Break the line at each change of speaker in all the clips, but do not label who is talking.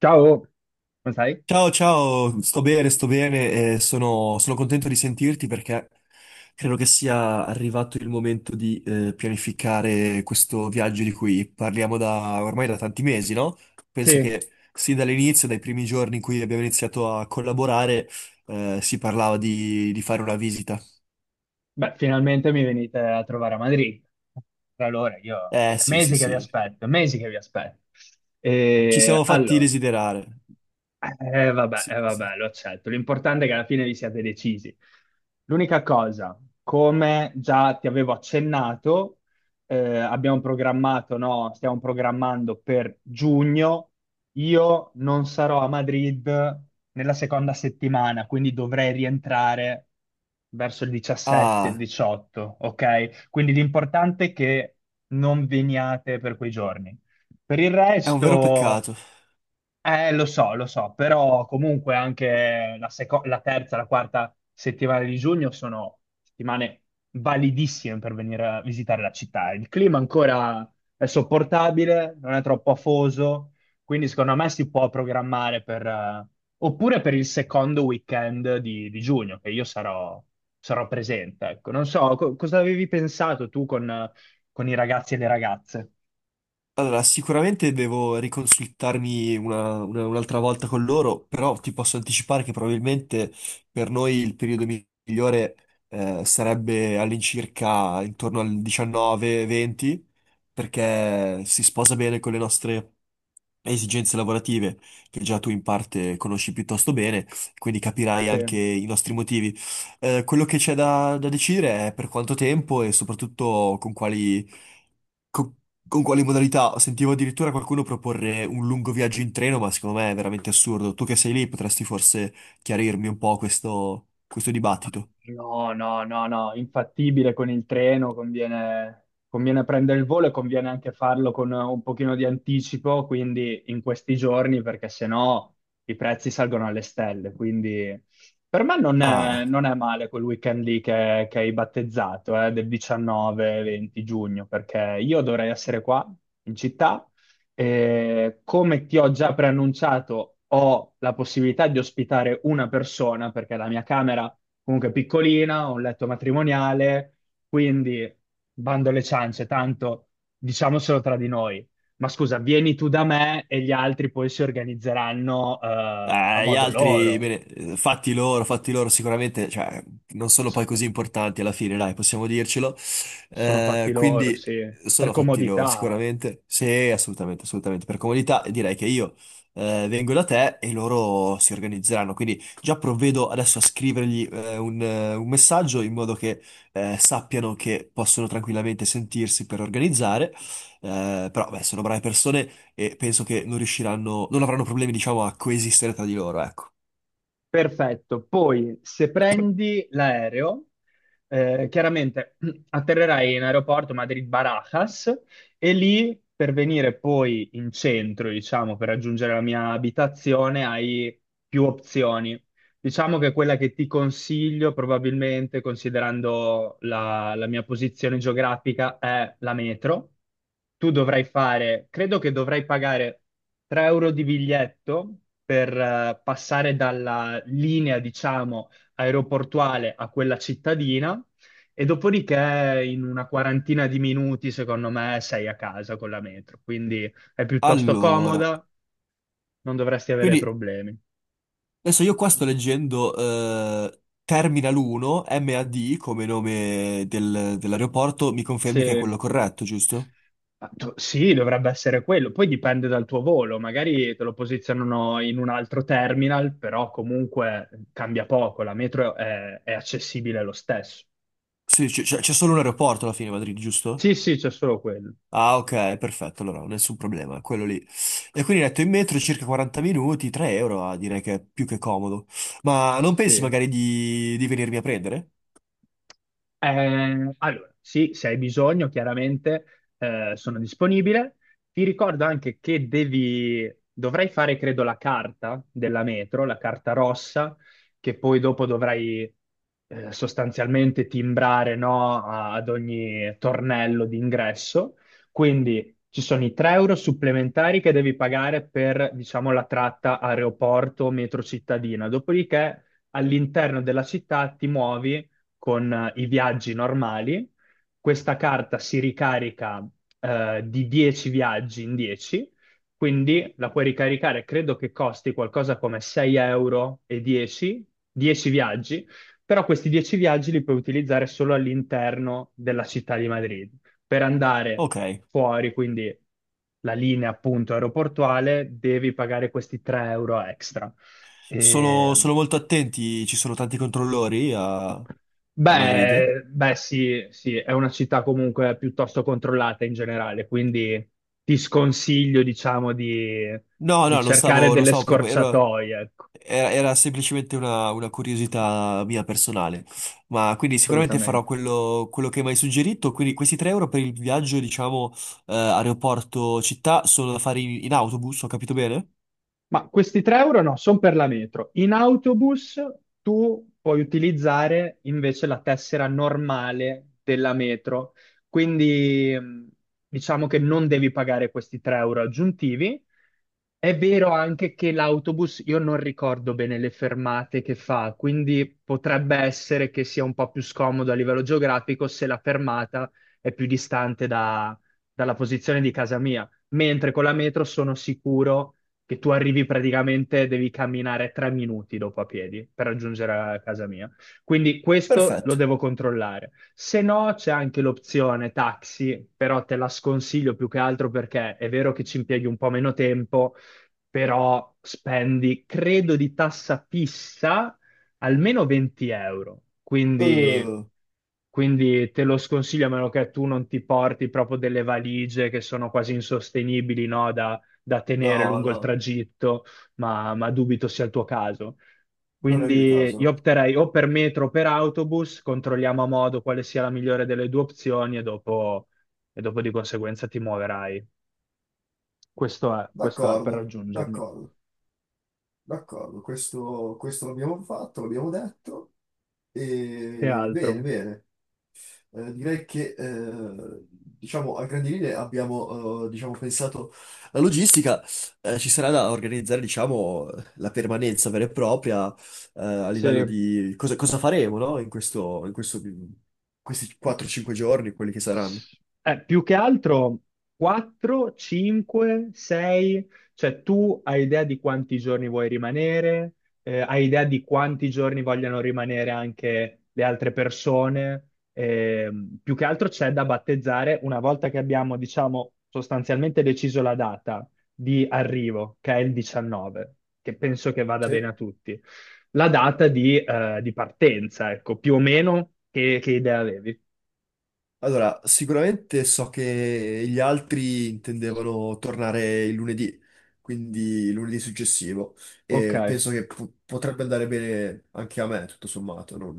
Ciao, come stai?
Ciao, ciao, sto bene e sono contento di sentirti perché credo che sia arrivato il momento di pianificare questo viaggio di cui parliamo da ormai da tanti mesi, no? Penso
Sì,
che sin dall'inizio, dai primi giorni in cui abbiamo iniziato a collaborare, si parlava di fare una visita.
beh, finalmente mi venite a trovare a Madrid. Tra l'ora, io
Eh
è
sì, sì,
mesi che vi
sì,
aspetto, è mesi che vi aspetto.
ci
E
siamo fatti
allora,
desiderare.
vabbè,
Sì, sì.
vabbè, lo accetto. L'importante è che alla fine vi siate decisi. L'unica cosa, come già ti avevo accennato, abbiamo programmato, no, stiamo programmando per giugno. Io non sarò a Madrid nella seconda settimana, quindi dovrei rientrare verso il 17, il
Ah,
18, ok? Quindi l'importante è che non veniate per quei giorni. Per il
è un vero
resto.
peccato.
Lo so, però comunque anche la terza, la quarta settimana di giugno sono settimane validissime per venire a visitare la città. Il clima ancora è sopportabile, non è troppo afoso, quindi secondo me si può programmare oppure per il secondo weekend di giugno, che io sarò presente. Ecco. Non so, cosa avevi pensato tu con i ragazzi e le ragazze?
Allora, sicuramente devo riconsultarmi un'altra volta con loro, però ti posso anticipare che probabilmente per noi il periodo migliore sarebbe all'incirca intorno al 19-20, perché si sposa bene con le nostre esigenze lavorative che già tu in parte conosci piuttosto bene, quindi capirai
Sì.
anche i nostri motivi. Quello che c'è da decidere è per quanto tempo e soprattutto con quali, co- con quali modalità. Sentivo addirittura qualcuno proporre un lungo viaggio in treno, ma secondo me è veramente assurdo. Tu che sei lì potresti forse chiarirmi un po' questo dibattito.
No, no, no, no, infattibile con il treno, conviene prendere il volo e conviene anche farlo con un pochino di anticipo, quindi in questi giorni, perché sennò i prezzi salgono alle stelle. Quindi per me non è,
Ah.
non è male quel weekend lì che hai battezzato, del 19-20 giugno, perché io dovrei essere qua in città e come ti ho già preannunciato, ho la possibilità di ospitare una persona, perché la mia camera comunque piccolina, ho un letto matrimoniale, quindi bando alle ciance, tanto diciamocelo tra di noi. Ma scusa, vieni tu da me e gli altri poi si organizzeranno a
Gli
modo
altri,
loro.
bene, fatti loro sicuramente, cioè, non sono poi
So-
così importanti alla fine, dai, possiamo dircelo.
Sono fatti loro,
Quindi
sì, per
sono fatti loro,
comodità.
sicuramente. Sì, assolutamente, assolutamente. Per comodità direi che io vengo da te e loro si organizzeranno. Quindi già provvedo adesso a scrivergli un messaggio in modo che sappiano che possono tranquillamente sentirsi per organizzare. Però, beh, sono brave persone e penso che non riusciranno, non avranno problemi, diciamo, a coesistere tra di loro, ecco.
Perfetto. Poi, se prendi l'aereo, chiaramente atterrerai in aeroporto Madrid-Barajas e lì per venire poi in centro, diciamo, per raggiungere la mia abitazione, hai più opzioni. Diciamo che quella che ti consiglio, probabilmente, considerando la mia posizione geografica, è la metro. Tu dovrai fare, credo che dovrai pagare 3 euro di biglietto per passare dalla linea, diciamo, aeroportuale a quella cittadina e dopodiché in una quarantina di minuti, secondo me, sei a casa con la metro. Quindi è piuttosto
Allora,
comoda, non dovresti avere
quindi
problemi.
adesso io qua sto leggendo Terminal 1 MAD come nome dell'aeroporto, mi confermi che è
Sì.
quello corretto, giusto?
Ah, sì, dovrebbe essere quello, poi dipende dal tuo volo, magari te lo posizionano in un altro terminal, però comunque cambia poco, la metro è accessibile lo stesso.
Sì, c'è solo un aeroporto alla fine, a Madrid, giusto?
Sì, sì, c'è solo quello.
Ah, ok, perfetto, allora nessun problema, quello lì. E quindi detto in metro circa 40 minuti, 3 euro, ah, direi che è più che comodo. Ma non pensi
Sì.
magari di venirmi a prendere?
Allora, sì, se hai bisogno, chiaramente sono disponibile. Ti ricordo anche che dovrai fare, credo, la carta della metro, la carta rossa, che poi dopo dovrai sostanzialmente timbrare, no, ad ogni tornello d'ingresso. Quindi ci sono i 3 euro supplementari che devi pagare per, diciamo, la tratta aeroporto-metro cittadina. Dopodiché all'interno della città ti muovi con i viaggi normali. Questa carta si ricarica di 10 viaggi in 10, quindi la puoi ricaricare, credo che costi qualcosa come 6 euro e 10, 10 viaggi, però questi 10 viaggi li puoi utilizzare solo all'interno della città di Madrid. Per andare
Ok.
fuori, quindi la linea appunto aeroportuale, devi pagare questi 3 euro extra. E
Sono, sono molto attenti, ci sono tanti controllori a, a Madrid.
Beh, beh, sì, sì, è una città comunque piuttosto controllata in generale, quindi ti sconsiglio, diciamo, di,
No, no,
cercare
non
delle
stavo proprio. Era,
scorciatoie, ecco,
era semplicemente una curiosità mia personale. Ma quindi sicuramente farò
assolutamente.
quello, quello che mi hai suggerito. Quindi questi 3 euro per il viaggio, diciamo, aeroporto-città sono da fare in, in autobus, ho capito bene?
Ma questi 3 euro no, sono per la metro. In autobus tu puoi utilizzare invece la tessera normale della metro, quindi diciamo che non devi pagare questi 3 euro aggiuntivi. È vero anche che l'autobus, io non ricordo bene le fermate che fa, quindi potrebbe essere che sia un po' più scomodo a livello geografico se la fermata è più distante dalla posizione di casa mia, mentre con la metro sono sicuro che tu arrivi praticamente, devi camminare 3 minuti dopo a piedi per raggiungere la casa mia. Quindi questo lo
Perfetto.
devo controllare. Se no, c'è anche l'opzione taxi, però te la sconsiglio più che altro perché è vero che ci impieghi un po' meno tempo, però spendi, credo, di tassa fissa almeno 20 euro. Quindi,
Eh,
quindi te lo sconsiglio a meno che tu non ti porti proprio delle valigie che sono quasi insostenibili, no? Da tenere
no,
lungo il
no,
tragitto, ma dubito sia il tuo caso.
non è il mio
Quindi
caso,
io
no.
opterei o per metro o per autobus, controlliamo a modo quale sia la migliore delle due opzioni e dopo di conseguenza ti muoverai. Questo è per
D'accordo,
raggiungermi.
d'accordo, d'accordo. Questo l'abbiamo fatto, l'abbiamo detto.
Che
E, bene,
altro?
bene. Direi che diciamo, a grandi linee abbiamo diciamo, pensato la logistica. Ci sarà da organizzare diciamo, la permanenza vera e propria a
Sì.
livello di cosa, cosa faremo no? In questo, in questi 4-5 giorni, quelli che saranno.
Più che altro 4, 5, 6, cioè tu hai idea di quanti giorni vuoi rimanere, hai idea di quanti giorni vogliono rimanere anche le altre persone. Più che altro c'è da battezzare una volta che abbiamo, diciamo, sostanzialmente deciso la data di arrivo, che è il 19, che penso che vada
Sì.
bene a tutti, la data di partenza, ecco, più o meno che idea avevi.
Allora, sicuramente so che gli altri intendevano tornare il lunedì, quindi lunedì successivo, e
Ok.
penso che potrebbe andare bene anche a me, tutto sommato. Non,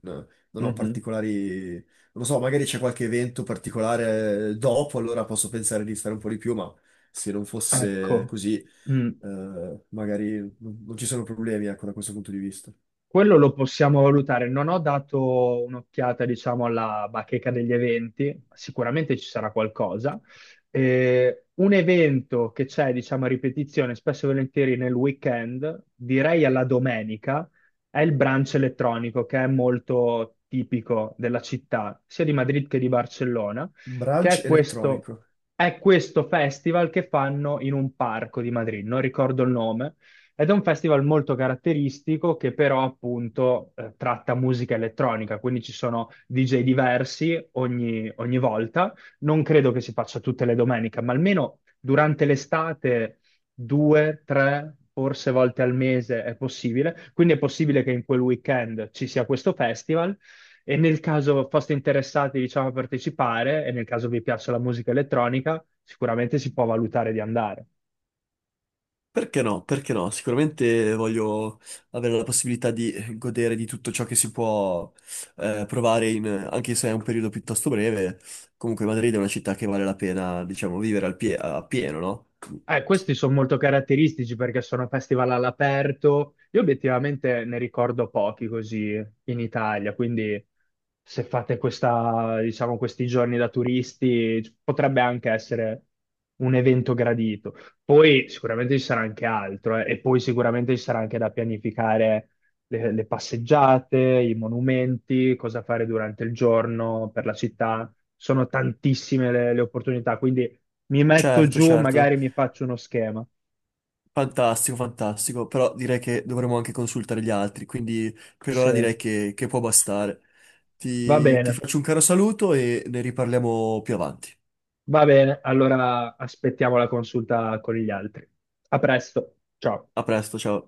non ho
Mhm.
particolari, non lo so, magari c'è qualche evento particolare dopo, allora posso pensare di stare un po' di più, ma se non fosse
Ecco,
così,
Mm.
magari non, non ci sono problemi, ecco, da questo punto di vista.
quello lo possiamo valutare. Non ho dato un'occhiata, diciamo, alla bacheca degli eventi, sicuramente ci sarà qualcosa. Un evento che c'è, diciamo, a ripetizione, spesso e volentieri nel weekend, direi alla domenica, è il brunch elettronico, che è molto tipico della città, sia di Madrid che di Barcellona, che
Brunch
è questo,
elettronico.
è questo festival che fanno in un parco di Madrid, non ricordo il nome. Ed è un festival molto caratteristico che però appunto tratta musica elettronica, quindi ci sono DJ diversi ogni volta. Non credo che si faccia tutte le domeniche, ma almeno durante l'estate due, tre, forse volte al mese è possibile. Quindi è possibile che in quel weekend ci sia questo festival e nel caso foste interessati, diciamo, a partecipare e nel caso vi piaccia la musica elettronica, sicuramente si può valutare di andare.
Perché no? Perché no? Sicuramente voglio avere la possibilità di godere di tutto ciò che si può provare, anche se è un periodo piuttosto breve. Comunque Madrid è una città che vale la pena, diciamo, vivere a pieno, no?
Questi sono molto caratteristici perché sono festival all'aperto. Io obiettivamente ne ricordo pochi così in Italia, quindi se fate questa, diciamo, questi giorni da turisti potrebbe anche essere un evento gradito. Poi sicuramente ci sarà anche altro, e poi sicuramente ci sarà anche da pianificare le passeggiate, i monumenti, cosa fare durante il giorno per la città. Sono tantissime le opportunità, quindi mi metto
Certo,
giù,
certo.
magari mi faccio uno schema.
Fantastico, fantastico. Però direi che dovremmo anche consultare gli altri, quindi per
Sì,
ora direi che può bastare.
va
Ti
bene,
faccio un caro saluto e ne riparliamo più avanti.
va bene. Allora aspettiamo la consulta con gli altri. A presto, ciao.
A presto, ciao.